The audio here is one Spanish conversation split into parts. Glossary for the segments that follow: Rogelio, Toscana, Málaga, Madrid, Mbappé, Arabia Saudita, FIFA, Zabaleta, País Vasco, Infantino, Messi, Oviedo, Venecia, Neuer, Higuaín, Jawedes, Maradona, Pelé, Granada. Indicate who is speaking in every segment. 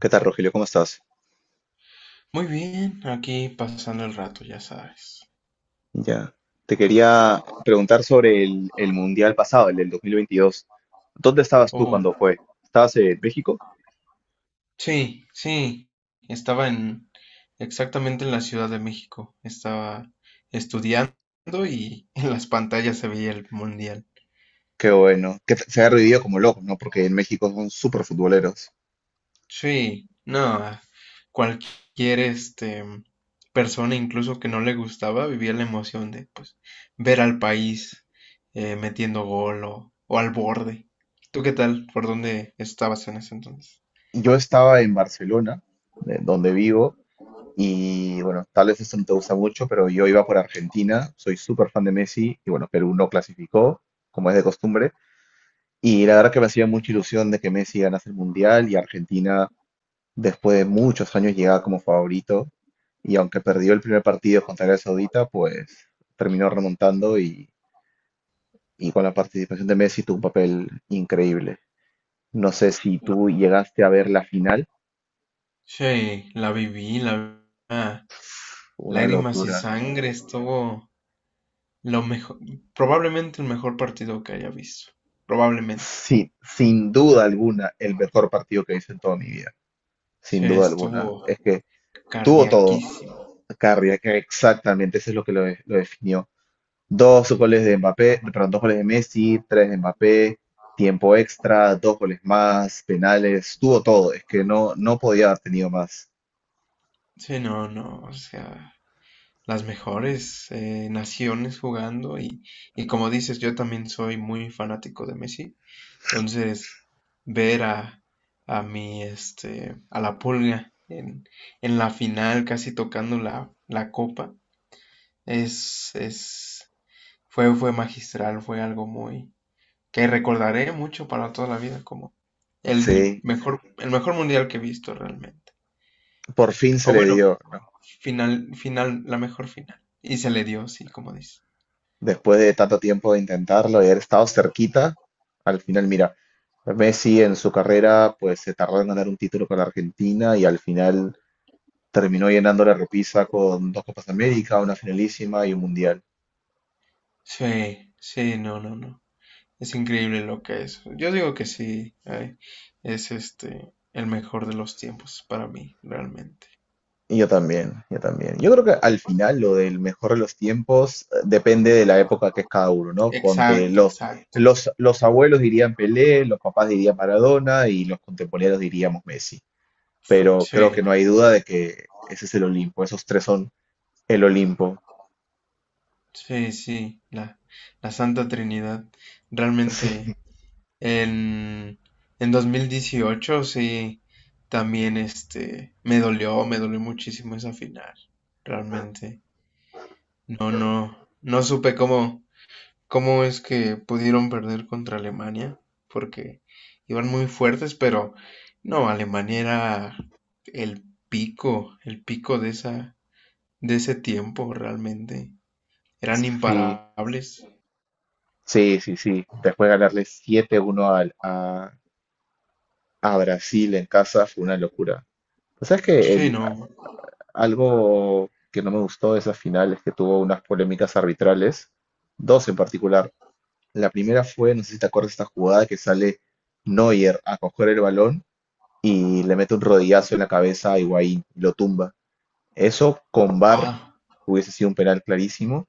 Speaker 1: ¿Qué tal, Rogelio? ¿Cómo estás?
Speaker 2: Muy bien, aquí pasando el rato, ya sabes.
Speaker 1: Ya. Te quería preguntar sobre el mundial pasado, el del 2022. ¿Dónde estabas tú cuando
Speaker 2: Oh,
Speaker 1: fue? ¿Estabas en México?
Speaker 2: sí, sí. Estaba en exactamente en la Ciudad de México. Estaba estudiando y en las pantallas se veía el mundial.
Speaker 1: Qué bueno. Que se ha revivido como loco, ¿no? Porque en México son súper futboleros.
Speaker 2: Sí, no, cualquier persona incluso que no le gustaba vivía la emoción de pues ver al país metiendo gol o al borde. ¿Tú qué tal? ¿Por dónde estabas en ese entonces?
Speaker 1: Yo estaba en Barcelona, de donde vivo, y bueno, tal vez esto no te gusta mucho, pero yo iba por Argentina, soy súper fan de Messi, y bueno, Perú no clasificó, como es de costumbre. Y la verdad que me hacía mucha ilusión de que Messi ganase el mundial y Argentina. Después de muchos años llegaba como favorito, y aunque perdió el primer partido contra Arabia Saudita, pues terminó remontando, y con la participación de Messi tuvo un papel increíble. No sé si tú llegaste a ver la final,
Speaker 2: Sí, la vi a
Speaker 1: fue una
Speaker 2: lágrimas y
Speaker 1: locura.
Speaker 2: sangre, estuvo lo mejor, probablemente el mejor partido que haya visto, probablemente.
Speaker 1: Sí, sin duda alguna, el mejor partido que hice en toda mi vida, sin
Speaker 2: Sí,
Speaker 1: duda alguna.
Speaker 2: estuvo
Speaker 1: Es que tuvo todo,
Speaker 2: cardiaquísimo.
Speaker 1: Carriac, exactamente, eso es lo que lo definió. Dos goles de Mbappé, perdón, dos goles de Messi, tres de Mbappé, tiempo extra, dos goles más, penales, tuvo todo, es que no, no podía haber tenido más.
Speaker 2: Sí, no, no, o sea, las mejores naciones jugando y como dices, yo también soy muy fanático de Messi, entonces ver a la Pulga en la final casi tocando la copa. Es, es, fue magistral, fue algo que recordaré mucho para toda la vida como
Speaker 1: Sí,
Speaker 2: el mejor mundial que he visto realmente.
Speaker 1: por fin se
Speaker 2: O
Speaker 1: le
Speaker 2: bueno,
Speaker 1: dio, ¿no?
Speaker 2: final, final, la mejor final. Y se le dio, sí, como dice.
Speaker 1: Después de tanto tiempo de intentarlo y haber estado cerquita, al final, mira, Messi en su carrera pues se tardó en ganar un título con la Argentina y al final terminó llenando la repisa con dos Copas América, una finalísima y un mundial.
Speaker 2: Sí, sí, no, no, no. Es increíble lo que es. Yo digo que sí, es el mejor de los tiempos para mí, realmente.
Speaker 1: Y yo también, yo también. Yo creo que al final lo del mejor de los tiempos depende de la época que es cada uno, ¿no? Ponte
Speaker 2: Exacto,
Speaker 1: los,
Speaker 2: exacto.
Speaker 1: los, los abuelos dirían Pelé, los papás dirían Maradona y los contemporáneos diríamos Messi. Pero creo
Speaker 2: Sí,
Speaker 1: que no hay duda de que ese es el Olimpo, esos tres son el Olimpo.
Speaker 2: sí, sí, la Santa Trinidad. Realmente. En, en 2018 sí, también me dolió muchísimo esa final, realmente. No, no, no supe cómo es que pudieron perder contra Alemania, porque iban muy fuertes, pero no, Alemania era el el pico de ese tiempo, realmente.
Speaker 1: Sí,
Speaker 2: Eran
Speaker 1: sí,
Speaker 2: imparables.
Speaker 1: sí, sí, sí. Después ganarle 7-1 a Brasil en casa fue una locura. Pues sabes
Speaker 2: Sí,
Speaker 1: que
Speaker 2: no.
Speaker 1: Algo que no me gustó de esa final es que tuvo unas polémicas arbitrales, dos en particular. La primera fue, no sé si te acuerdas, de esta jugada que sale Neuer a coger el balón y le mete un rodillazo en la cabeza a Higuaín y lo tumba. Eso con VAR
Speaker 2: Ah,
Speaker 1: hubiese sido un penal clarísimo.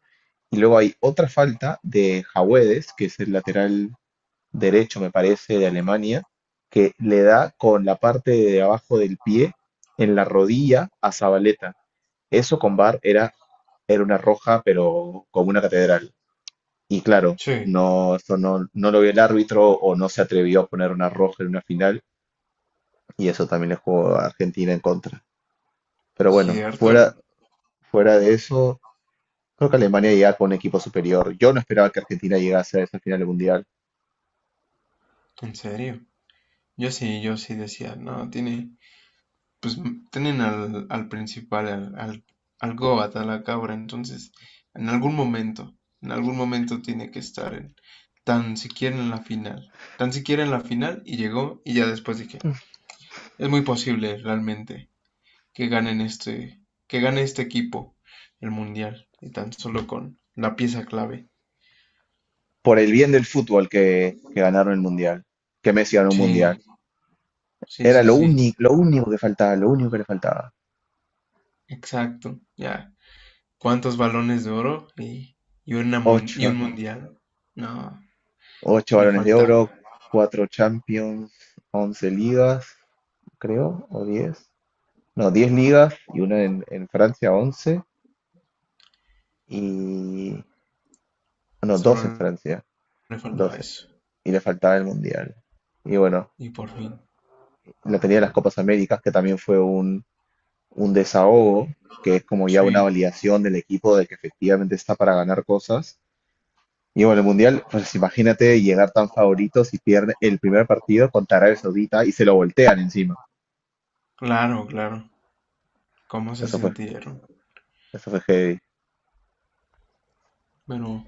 Speaker 1: Y luego hay otra falta de Jawedes, que es el lateral derecho, me parece, de Alemania, que le da con la parte de abajo del pie en la rodilla a Zabaleta. Eso con bar era una roja, pero como una catedral. Y claro,
Speaker 2: sí,
Speaker 1: no, eso no lo vio el árbitro, o no se atrevió a poner una roja en una final, y eso también le jugó a Argentina en contra. Pero bueno,
Speaker 2: cierto,
Speaker 1: fuera de eso, creo que Alemania llega con un equipo superior. Yo no esperaba que Argentina llegase a esa final del Mundial.
Speaker 2: en serio. Yo sí decía, no, pues tienen al principal, al Goat, a la cabra, entonces en algún momento tiene que estar tan siquiera en la final, tan siquiera en la final y llegó y ya después dije, es muy posible realmente que ganen este, que gane este equipo el mundial y tan solo con la pieza clave.
Speaker 1: Por el bien del fútbol que ganaron el Mundial, que Messi ganó un
Speaker 2: Sí,
Speaker 1: Mundial.
Speaker 2: sí,
Speaker 1: Era
Speaker 2: sí, sí,
Speaker 1: lo único que faltaba, lo único que le faltaba.
Speaker 2: exacto, ya. Cuántos balones de oro y
Speaker 1: Ocho,
Speaker 2: un mundial. No,
Speaker 1: 8
Speaker 2: le
Speaker 1: balones de
Speaker 2: faltaba.
Speaker 1: oro, 4 Champions, 11 ligas, creo, o 10. No, 10 ligas y una en Francia, 11. Y... No,
Speaker 2: Solo
Speaker 1: 12 en Francia,
Speaker 2: le faltaba
Speaker 1: 12.
Speaker 2: eso.
Speaker 1: Y le faltaba el Mundial. Y bueno,
Speaker 2: Y por fin.
Speaker 1: la tenía las Copas Américas, que también fue un desahogo, que es como ya una
Speaker 2: Sí,
Speaker 1: validación del equipo de que efectivamente está para ganar cosas. Y bueno, el Mundial, pues imagínate llegar tan favorito si pierde el primer partido contra Arabia Saudita y se lo voltean encima.
Speaker 2: claro, claro. ¿Cómo se
Speaker 1: Eso fue
Speaker 2: sintieron?
Speaker 1: Eso fue heavy.
Speaker 2: Pero,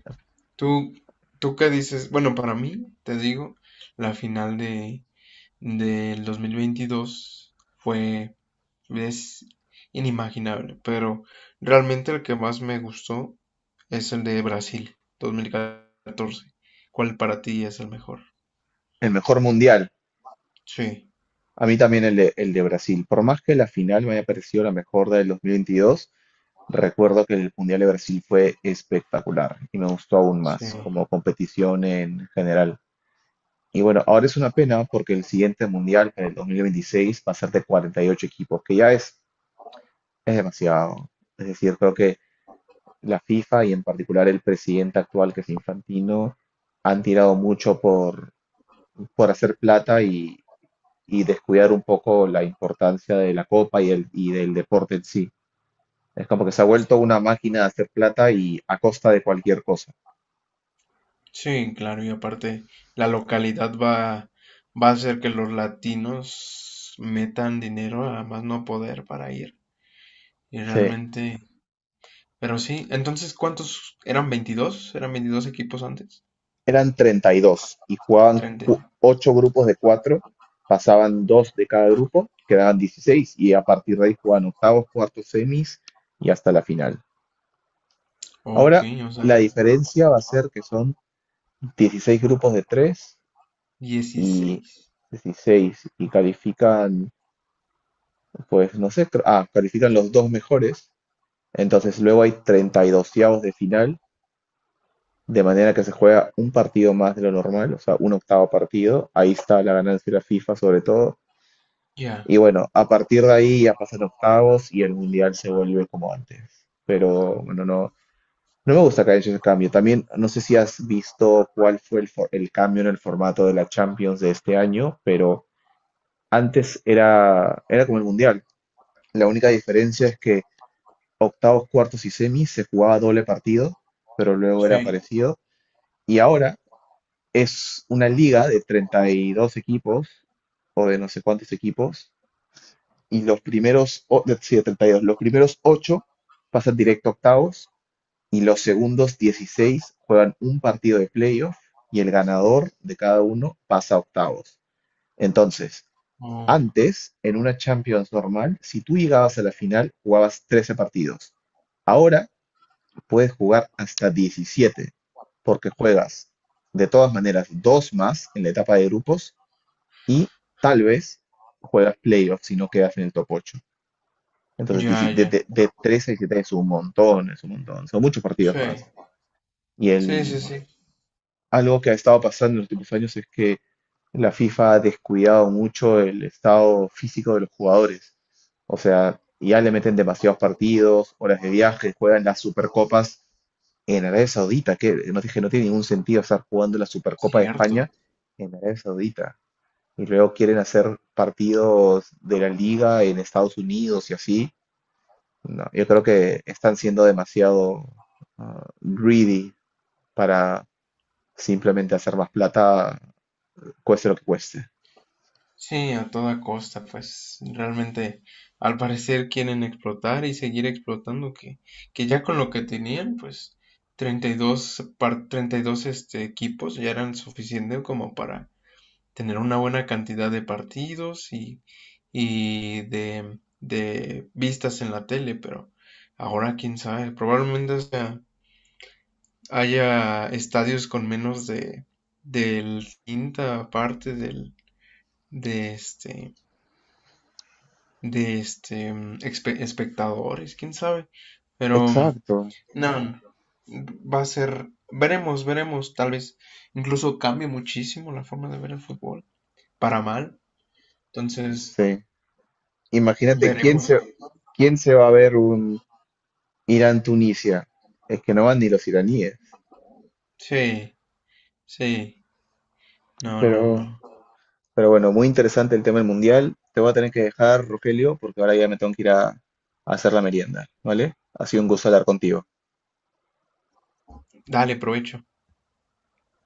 Speaker 2: tú, tú qué dices? Bueno, para mí, te digo, la final de del 2022 fue es inimaginable, pero realmente el que más me gustó es el de Brasil 2014. ¿Cuál para ti es el mejor?
Speaker 1: El mejor mundial.
Speaker 2: Sí,
Speaker 1: A mí también el de Brasil. Por más que la final me haya parecido la mejor del 2022, recuerdo que el mundial de Brasil fue espectacular y me gustó aún
Speaker 2: sí,
Speaker 1: más como competición en general. Y bueno, ahora es una pena porque el siguiente mundial, en el 2026, va a ser de 48 equipos, que ya es demasiado. Es decir, creo que la FIFA y en particular el presidente actual, que es Infantino, han tirado mucho por hacer plata y descuidar un poco la importancia de la copa y del deporte en sí. Es como que se ha vuelto una máquina de hacer plata y a costa de cualquier cosa.
Speaker 2: sí, claro, y aparte la localidad va a hacer que los latinos metan dinero a más no poder para ir. Y
Speaker 1: Sí,
Speaker 2: realmente, pero sí, entonces, ¿cuántos eran 22? ¿Eran 22 equipos antes?
Speaker 1: eran 32 y jugaban
Speaker 2: 30.
Speaker 1: 8 grupos de cuatro. Pasaban 2 de cada grupo, quedaban 16 y a partir de ahí jugaban octavos, cuartos, semis y hasta la final.
Speaker 2: Ok,
Speaker 1: Ahora
Speaker 2: o
Speaker 1: la
Speaker 2: sea,
Speaker 1: diferencia va a ser que son 16 grupos de 3 y
Speaker 2: 16.
Speaker 1: 16, y califican, pues no sé, califican los dos mejores. Entonces luego hay 32avos de final, de manera que se juega un partido más de lo normal, o sea, un octavo partido. Ahí está la ganancia de la FIFA sobre todo,
Speaker 2: Ya,
Speaker 1: y bueno, a partir de ahí ya pasan octavos y el mundial se vuelve como antes, pero bueno, no, no me gusta que haya ese cambio. También no sé si has visto cuál fue el cambio en el formato de la Champions de este año, pero antes era como el mundial. La única diferencia es que octavos, cuartos y semis se jugaba doble partido, pero luego era
Speaker 2: sí.
Speaker 1: parecido. Y ahora es una liga de 32 equipos o de no sé cuántos equipos. Y los primeros, sí, de 32, los primeros 8 pasan directo a octavos y los segundos 16 juegan un partido de playoff y el ganador de cada uno pasa a octavos. Entonces,
Speaker 2: Oh,
Speaker 1: antes, en una Champions normal, si tú llegabas a la final, jugabas 13 partidos. Ahora puedes jugar hasta 17, porque juegas de todas maneras dos más en la etapa de grupos y tal vez juegas playoffs si no quedas en el top ocho.
Speaker 2: ya,
Speaker 1: Entonces, de,
Speaker 2: ya.
Speaker 1: de, de 13 a 17 es un montón, son muchos partidos
Speaker 2: Sí,
Speaker 1: más. Y el
Speaker 2: sí, sí, sí.
Speaker 1: algo que ha estado pasando en los últimos años es que la FIFA ha descuidado mucho el estado físico de los jugadores. O sea, ya le meten demasiados partidos, horas de viaje, juegan las Supercopas en Arabia Saudita, que no dije, no tiene ningún sentido estar jugando la Supercopa de
Speaker 2: Cierto.
Speaker 1: España en Arabia Saudita. Y luego quieren hacer partidos de la liga en Estados Unidos y así. No, yo creo que están siendo demasiado greedy para simplemente hacer más plata cueste lo que cueste.
Speaker 2: Sí, a toda costa, pues realmente al parecer quieren explotar y seguir explotando que ya con lo que tenían, pues 32 equipos ya eran suficientes como para tener una buena cantidad de partidos y de vistas en la tele, pero ahora quién sabe, probablemente hasta haya estadios con menos del quinta parte de este de este espectadores, quién sabe. Pero
Speaker 1: Exacto,
Speaker 2: no, va a ser, veremos, veremos, tal vez incluso cambie muchísimo la forma de ver el fútbol, para mal. Entonces,
Speaker 1: sí. Imagínate quién
Speaker 2: veremos.
Speaker 1: se, quién se va a ver un Irán-Tunisia. Es que no van ni los iraníes.
Speaker 2: Sí, sí, no, no,
Speaker 1: Pero,
Speaker 2: no.
Speaker 1: pero bueno, muy interesante el tema del mundial. Te voy a tener que dejar, Rogelio, porque ahora ya me tengo que ir a hacer la merienda, ¿vale? Ha sido un gusto hablar contigo.
Speaker 2: Dale, provecho.